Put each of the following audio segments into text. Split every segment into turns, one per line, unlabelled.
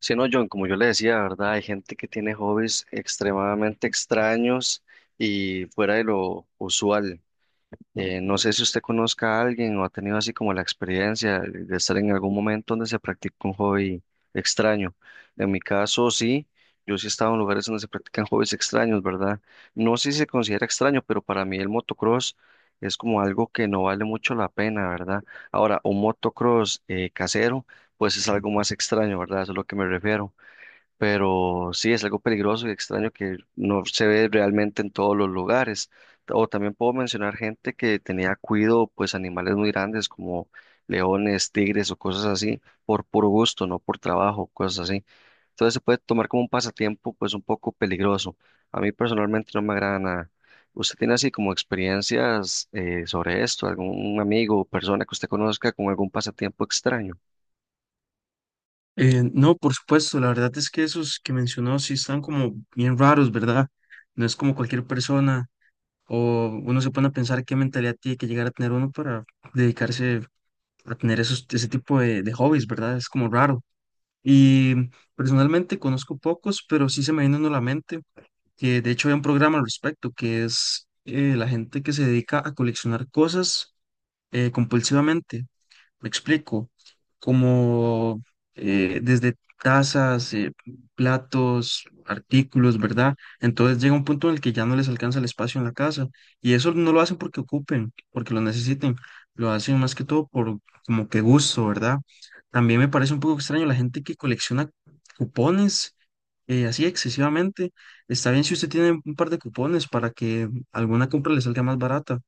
Sí, no, John, como yo le decía, ¿verdad? Hay gente que tiene hobbies extremadamente extraños y fuera de lo usual. No sé si usted conozca a alguien o ha tenido así como la experiencia de estar en algún momento donde se practica un hobby extraño. En mi caso, sí, yo sí he estado en lugares donde se practican hobbies extraños, ¿verdad? No sé si se considera extraño, pero para mí el motocross es como algo que no vale mucho la pena, ¿verdad? Ahora, un motocross casero, pues es algo más extraño, ¿verdad? Eso es a lo que me refiero, pero sí es algo peligroso y extraño que no se ve realmente en todos los lugares. O también puedo mencionar gente que tenía cuido, pues animales muy grandes como leones, tigres o cosas así, por puro gusto, no por trabajo, cosas así. Entonces se puede tomar como un pasatiempo, pues un poco peligroso. A mí personalmente no me agrada nada. ¿Usted tiene así como experiencias sobre esto? ¿Algún amigo o persona que usted conozca con algún pasatiempo extraño?
No, por supuesto, la verdad es que esos que mencionó sí están como bien raros, ¿verdad? No es como cualquier persona o uno se pone a pensar qué mentalidad tiene que llegar a tener uno para dedicarse a tener esos, ese tipo de hobbies, ¿verdad? Es como raro. Y personalmente conozco pocos, pero sí se me viene uno a la mente, que de hecho hay un programa al respecto, que es la gente que se dedica a coleccionar cosas compulsivamente. Me explico, como desde tazas, platos, artículos, ¿verdad? Entonces llega un punto en el que ya no les alcanza el espacio en la casa y eso no lo hacen porque ocupen, porque lo necesiten, lo hacen más que todo por como que gusto, ¿verdad? También me parece un poco extraño la gente que colecciona cupones así excesivamente. Está bien si usted tiene un par de cupones para que alguna compra le salga más barata.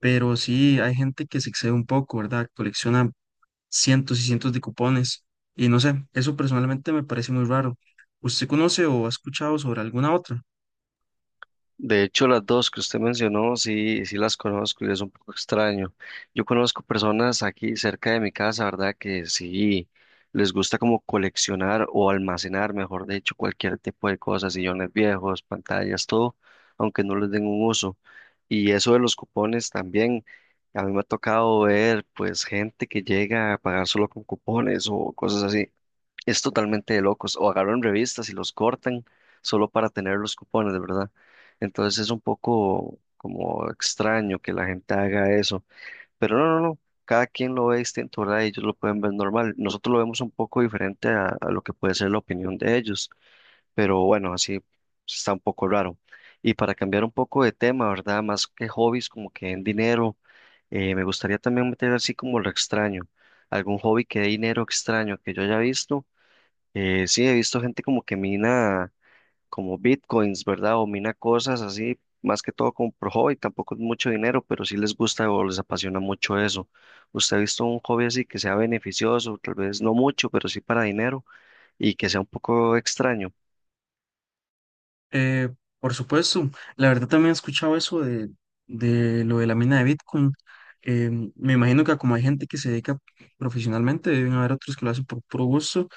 Pero sí, hay gente que se excede un poco, ¿verdad? Colecciona cientos y cientos de cupones. Y no sé, eso personalmente me parece muy raro. ¿Usted conoce o ha escuchado sobre alguna otra?
De hecho, las dos que usted mencionó, sí, sí las conozco y es un poco extraño. Yo conozco personas aquí cerca de mi casa, ¿verdad? Que sí les gusta como coleccionar o almacenar, mejor dicho, cualquier tipo de cosas, sillones viejos, pantallas, todo, aunque no les den un uso. Y eso de los cupones también, a mí me ha tocado ver pues gente que llega a pagar solo con cupones o cosas así. Es totalmente de locos. O agarran revistas y los cortan solo para tener los cupones, de verdad. Entonces es un poco como extraño que la gente haga eso. Pero no, no, no. Cada quien lo ve distinto, ¿verdad? Ellos lo pueden ver normal. Nosotros lo vemos un poco diferente a lo que puede ser la opinión de ellos. Pero bueno, así está un poco raro. Y para cambiar un poco de tema, ¿verdad? Más que hobbies, como que en dinero, me gustaría también meter así como lo extraño. Algún hobby que dé dinero extraño que yo haya visto. Sí, he visto gente como que mina como bitcoins, ¿verdad? O mina cosas así, más que todo como por hobby, tampoco es mucho dinero, pero sí les gusta o les apasiona mucho eso. ¿Usted ha visto un hobby así que sea beneficioso, tal vez no mucho, pero sí para dinero y que sea un poco extraño?
Eh, por supuesto, la verdad también he escuchado eso de lo de la mina de Bitcoin. Eh, Me imagino que como hay gente que se dedica profesionalmente, deben haber otros que lo hacen por puro gusto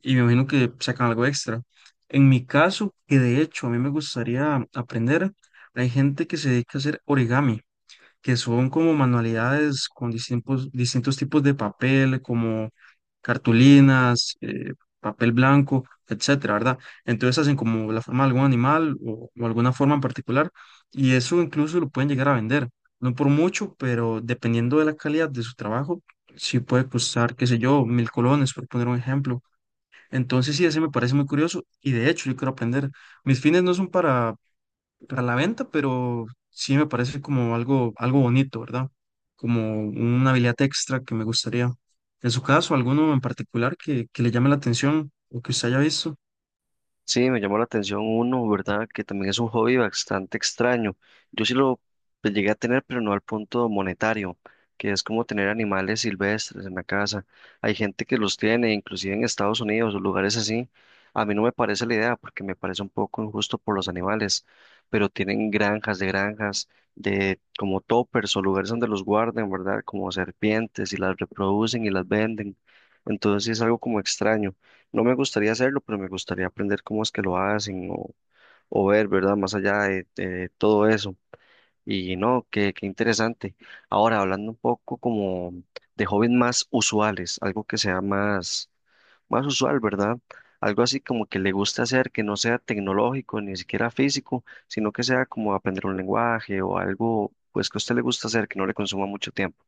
y me imagino que sacan algo extra. En mi caso, que de hecho a mí me gustaría aprender, hay gente que se dedica a hacer origami, que son como manualidades con distintos tipos de papel, como cartulinas, papel blanco, etcétera, ¿verdad? Entonces hacen como la forma de algún animal o alguna forma en particular y eso incluso lo pueden llegar a vender. No por mucho, pero dependiendo de la calidad de su trabajo, sí puede costar, qué sé yo, 1000 colones, por poner un ejemplo. Entonces sí, ese me parece muy curioso y de hecho yo quiero aprender. Mis fines no son para la venta, pero sí me parece como algo, algo bonito, ¿verdad? Como una habilidad extra que me gustaría. En su caso, alguno en particular que le llame la atención o que usted haya visto.
Sí, me llamó la atención uno, ¿verdad? Que también es un hobby bastante extraño. Yo sí lo, pues, llegué a tener, pero no al punto monetario, que es como tener animales silvestres en la casa. Hay gente que los tiene, inclusive en Estados Unidos o lugares así. A mí no me parece la idea porque me parece un poco injusto por los animales, pero tienen granjas, de como toppers o lugares donde los guardan, ¿verdad? Como serpientes y las reproducen y las venden. Entonces sí es algo como extraño. No me gustaría hacerlo, pero me gustaría aprender cómo es que lo hacen o ver, ¿verdad? Más allá de todo eso. Y no, qué, qué interesante. Ahora, hablando un poco como de hobbies más usuales, algo que sea más, más usual, ¿verdad? Algo así como que le gusta hacer, que no sea tecnológico, ni siquiera físico, sino que sea como aprender un lenguaje o algo, pues que a usted le gusta hacer, que no le consuma mucho tiempo.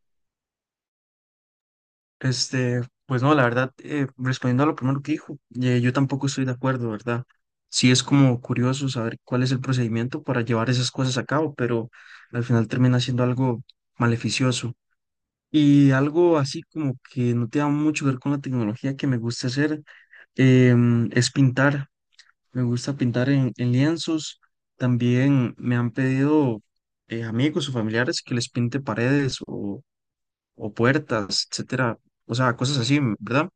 Este, pues no, la verdad, respondiendo a lo primero que dijo, yo tampoco estoy de acuerdo, ¿verdad? Sí es como curioso saber cuál es el procedimiento para llevar esas cosas a cabo, pero al final termina siendo algo maleficioso. Y algo así como que no tenga mucho que ver con la tecnología que me gusta hacer. Es pintar. Me gusta pintar en lienzos. También me han pedido amigos o familiares que les pinte paredes o puertas, etcétera. O sea, cosas así, ¿verdad?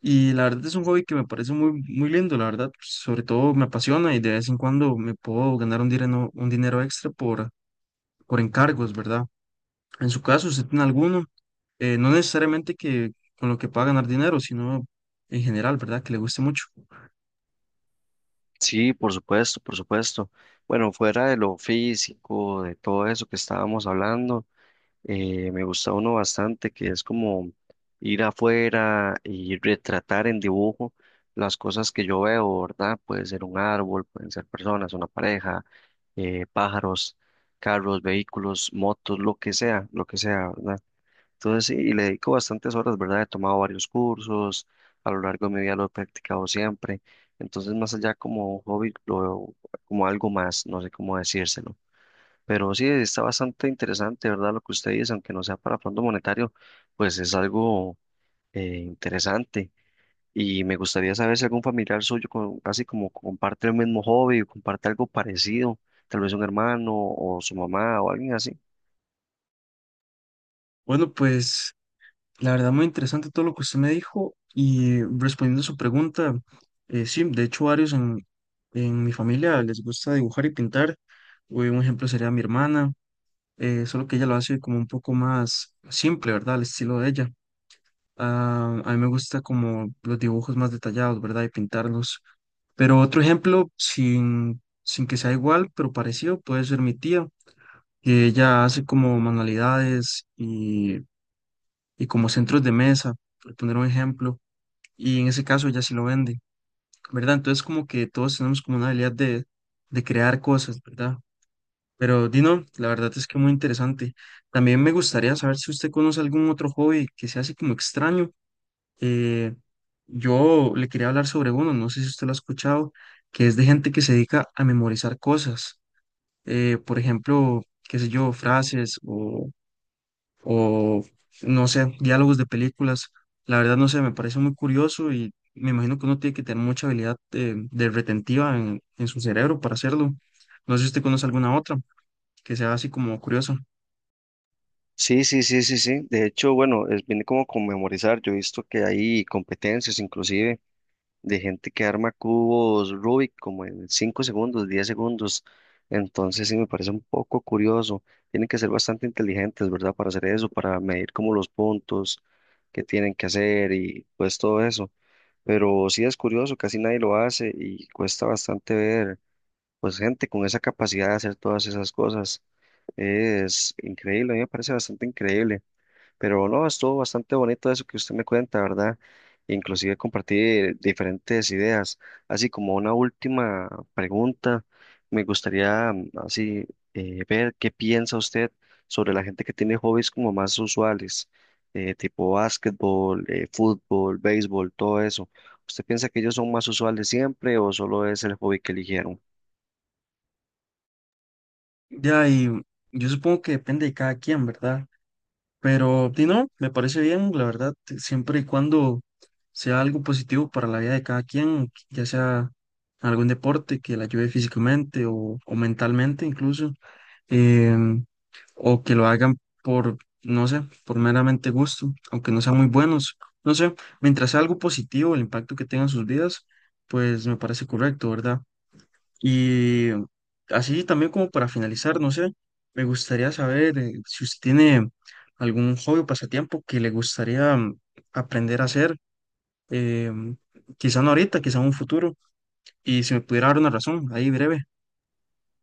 Y la verdad es un hobby que me parece muy, muy lindo, la verdad. Sobre todo me apasiona y de vez en cuando me puedo ganar un dinero extra por encargos, ¿verdad? En su caso, ¿usted tiene alguno? No necesariamente que con lo que pueda ganar dinero, sino en general, ¿verdad? Que le guste mucho.
Sí, por supuesto, por supuesto. Bueno, fuera de lo físico, de todo eso que estábamos hablando. Me gusta uno bastante, que es como ir afuera y retratar en dibujo las cosas que yo veo, ¿verdad? Puede ser un árbol, pueden ser personas, una pareja, pájaros, carros, vehículos, motos, lo que sea, ¿verdad? Entonces sí, y le dedico bastantes horas, ¿verdad? He tomado varios cursos, a lo largo de mi vida lo he practicado siempre. Entonces, más allá como un hobby, lo veo como algo más, no sé cómo decírselo. Pero sí, está bastante interesante, ¿verdad? Lo que usted dice, aunque no sea para Fondo Monetario, pues es algo interesante. Y me gustaría saber si algún familiar suyo así como comparte el mismo hobby o comparte algo parecido, tal vez un hermano o su mamá o alguien así.
Bueno, pues la verdad, muy interesante todo lo que usted me dijo y respondiendo a su pregunta, sí, de hecho varios en mi familia les gusta dibujar y pintar. Un ejemplo sería mi hermana, solo que ella lo hace como un poco más simple, ¿verdad? Al estilo de ella. Ah, a mí me gusta como los dibujos más detallados, ¿verdad? Y pintarlos. Pero otro ejemplo, sin que sea igual, pero parecido, puede ser mi tía, que ella hace como manualidades y como centros de mesa, por poner un ejemplo, y en ese caso ya sí lo vende, ¿verdad? Entonces como que todos tenemos como una habilidad de crear cosas, ¿verdad? Pero Dino, la verdad es que muy interesante. También me gustaría saber si usted conoce algún otro hobby que se hace como extraño. Eh, yo le quería hablar sobre uno, no sé si usted lo ha escuchado, que es de gente que se dedica a memorizar cosas. Por ejemplo, qué sé yo, frases o no sé, diálogos de películas. La verdad, no sé, me parece muy curioso y me imagino que uno tiene que tener mucha habilidad de retentiva en su cerebro para hacerlo. No sé si usted conoce alguna otra que sea así como curiosa.
Sí, sí, sí, sí, sí. De hecho, bueno, es, viene como con memorizar. Yo he visto que hay competencias inclusive de gente que arma cubos Rubik como en 5 segundos, 10 segundos. Entonces sí me parece un poco curioso. Tienen que ser bastante inteligentes, ¿verdad? Para hacer eso, para medir como los puntos que tienen que hacer y pues todo eso. Pero sí es curioso, casi nadie lo hace y cuesta bastante ver pues gente con esa capacidad de hacer todas esas cosas. Es increíble, a mí me parece bastante increíble. Pero no, estuvo bastante bonito eso que usted me cuenta, ¿verdad? Inclusive compartí diferentes ideas. Así como una última pregunta, me gustaría así ver qué piensa usted sobre la gente que tiene hobbies como más usuales, tipo básquetbol, fútbol, béisbol, todo eso. ¿Usted piensa que ellos son más usuales siempre o solo es el hobby que eligieron?
Ya, y yo supongo que depende de cada quien, ¿verdad? Pero, si no, me parece bien, la verdad, siempre y cuando sea algo positivo para la vida de cada quien, ya sea algún deporte que la ayude físicamente o mentalmente incluso. eh, o que lo hagan por, no sé, por meramente gusto, aunque no sean muy buenos. No sé, mientras sea algo positivo, el impacto que tenga en sus vidas, pues me parece correcto, ¿verdad? Y así también como para finalizar, no sé, me gustaría saber si usted tiene algún hobby o pasatiempo que le gustaría mm, aprender a hacer, eh, quizá no ahorita, quizá en un futuro, y si me pudiera dar una razón, ahí breve.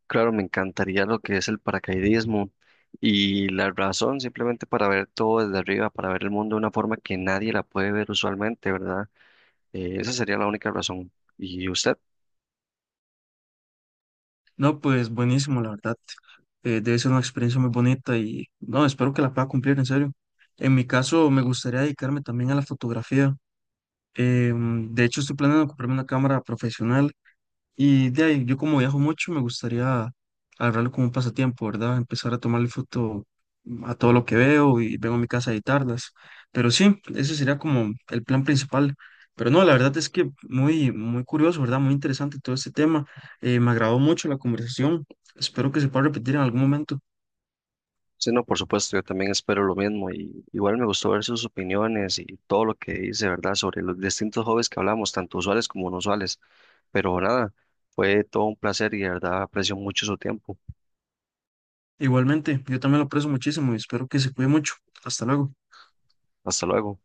Claro, me encantaría lo que es el paracaidismo y la razón simplemente para ver todo desde arriba, para ver el mundo de una forma que nadie la puede ver usualmente, ¿verdad? Esa sería la única razón. ¿Y usted?
No, pues buenísimo, la verdad. Debe ser una experiencia muy bonita y no, espero que la pueda cumplir, en serio. En mi caso, me gustaría dedicarme también a la fotografía. De hecho, estoy planeando comprarme una cámara profesional y de ahí, yo como viajo mucho, me gustaría agarrarlo como un pasatiempo, ¿verdad? Empezar a tomarle foto a todo lo que veo y vengo a mi casa a editarlas. Pero sí, ese sería como el plan principal. Pero no, la verdad es que muy, muy curioso, ¿verdad? Muy interesante todo este tema. Me agradó mucho la conversación. Espero que se pueda repetir en algún momento.
Sí, no, por supuesto, yo también espero lo mismo y igual me gustó ver sus opiniones y todo lo que dice, ¿verdad? Sobre los distintos hobbies que hablamos, tanto usuales como no usuales. Pero nada, fue todo un placer y de verdad aprecio mucho su tiempo.
Igualmente, yo también lo aprecio muchísimo y espero que se cuide mucho. Hasta luego.
Hasta luego.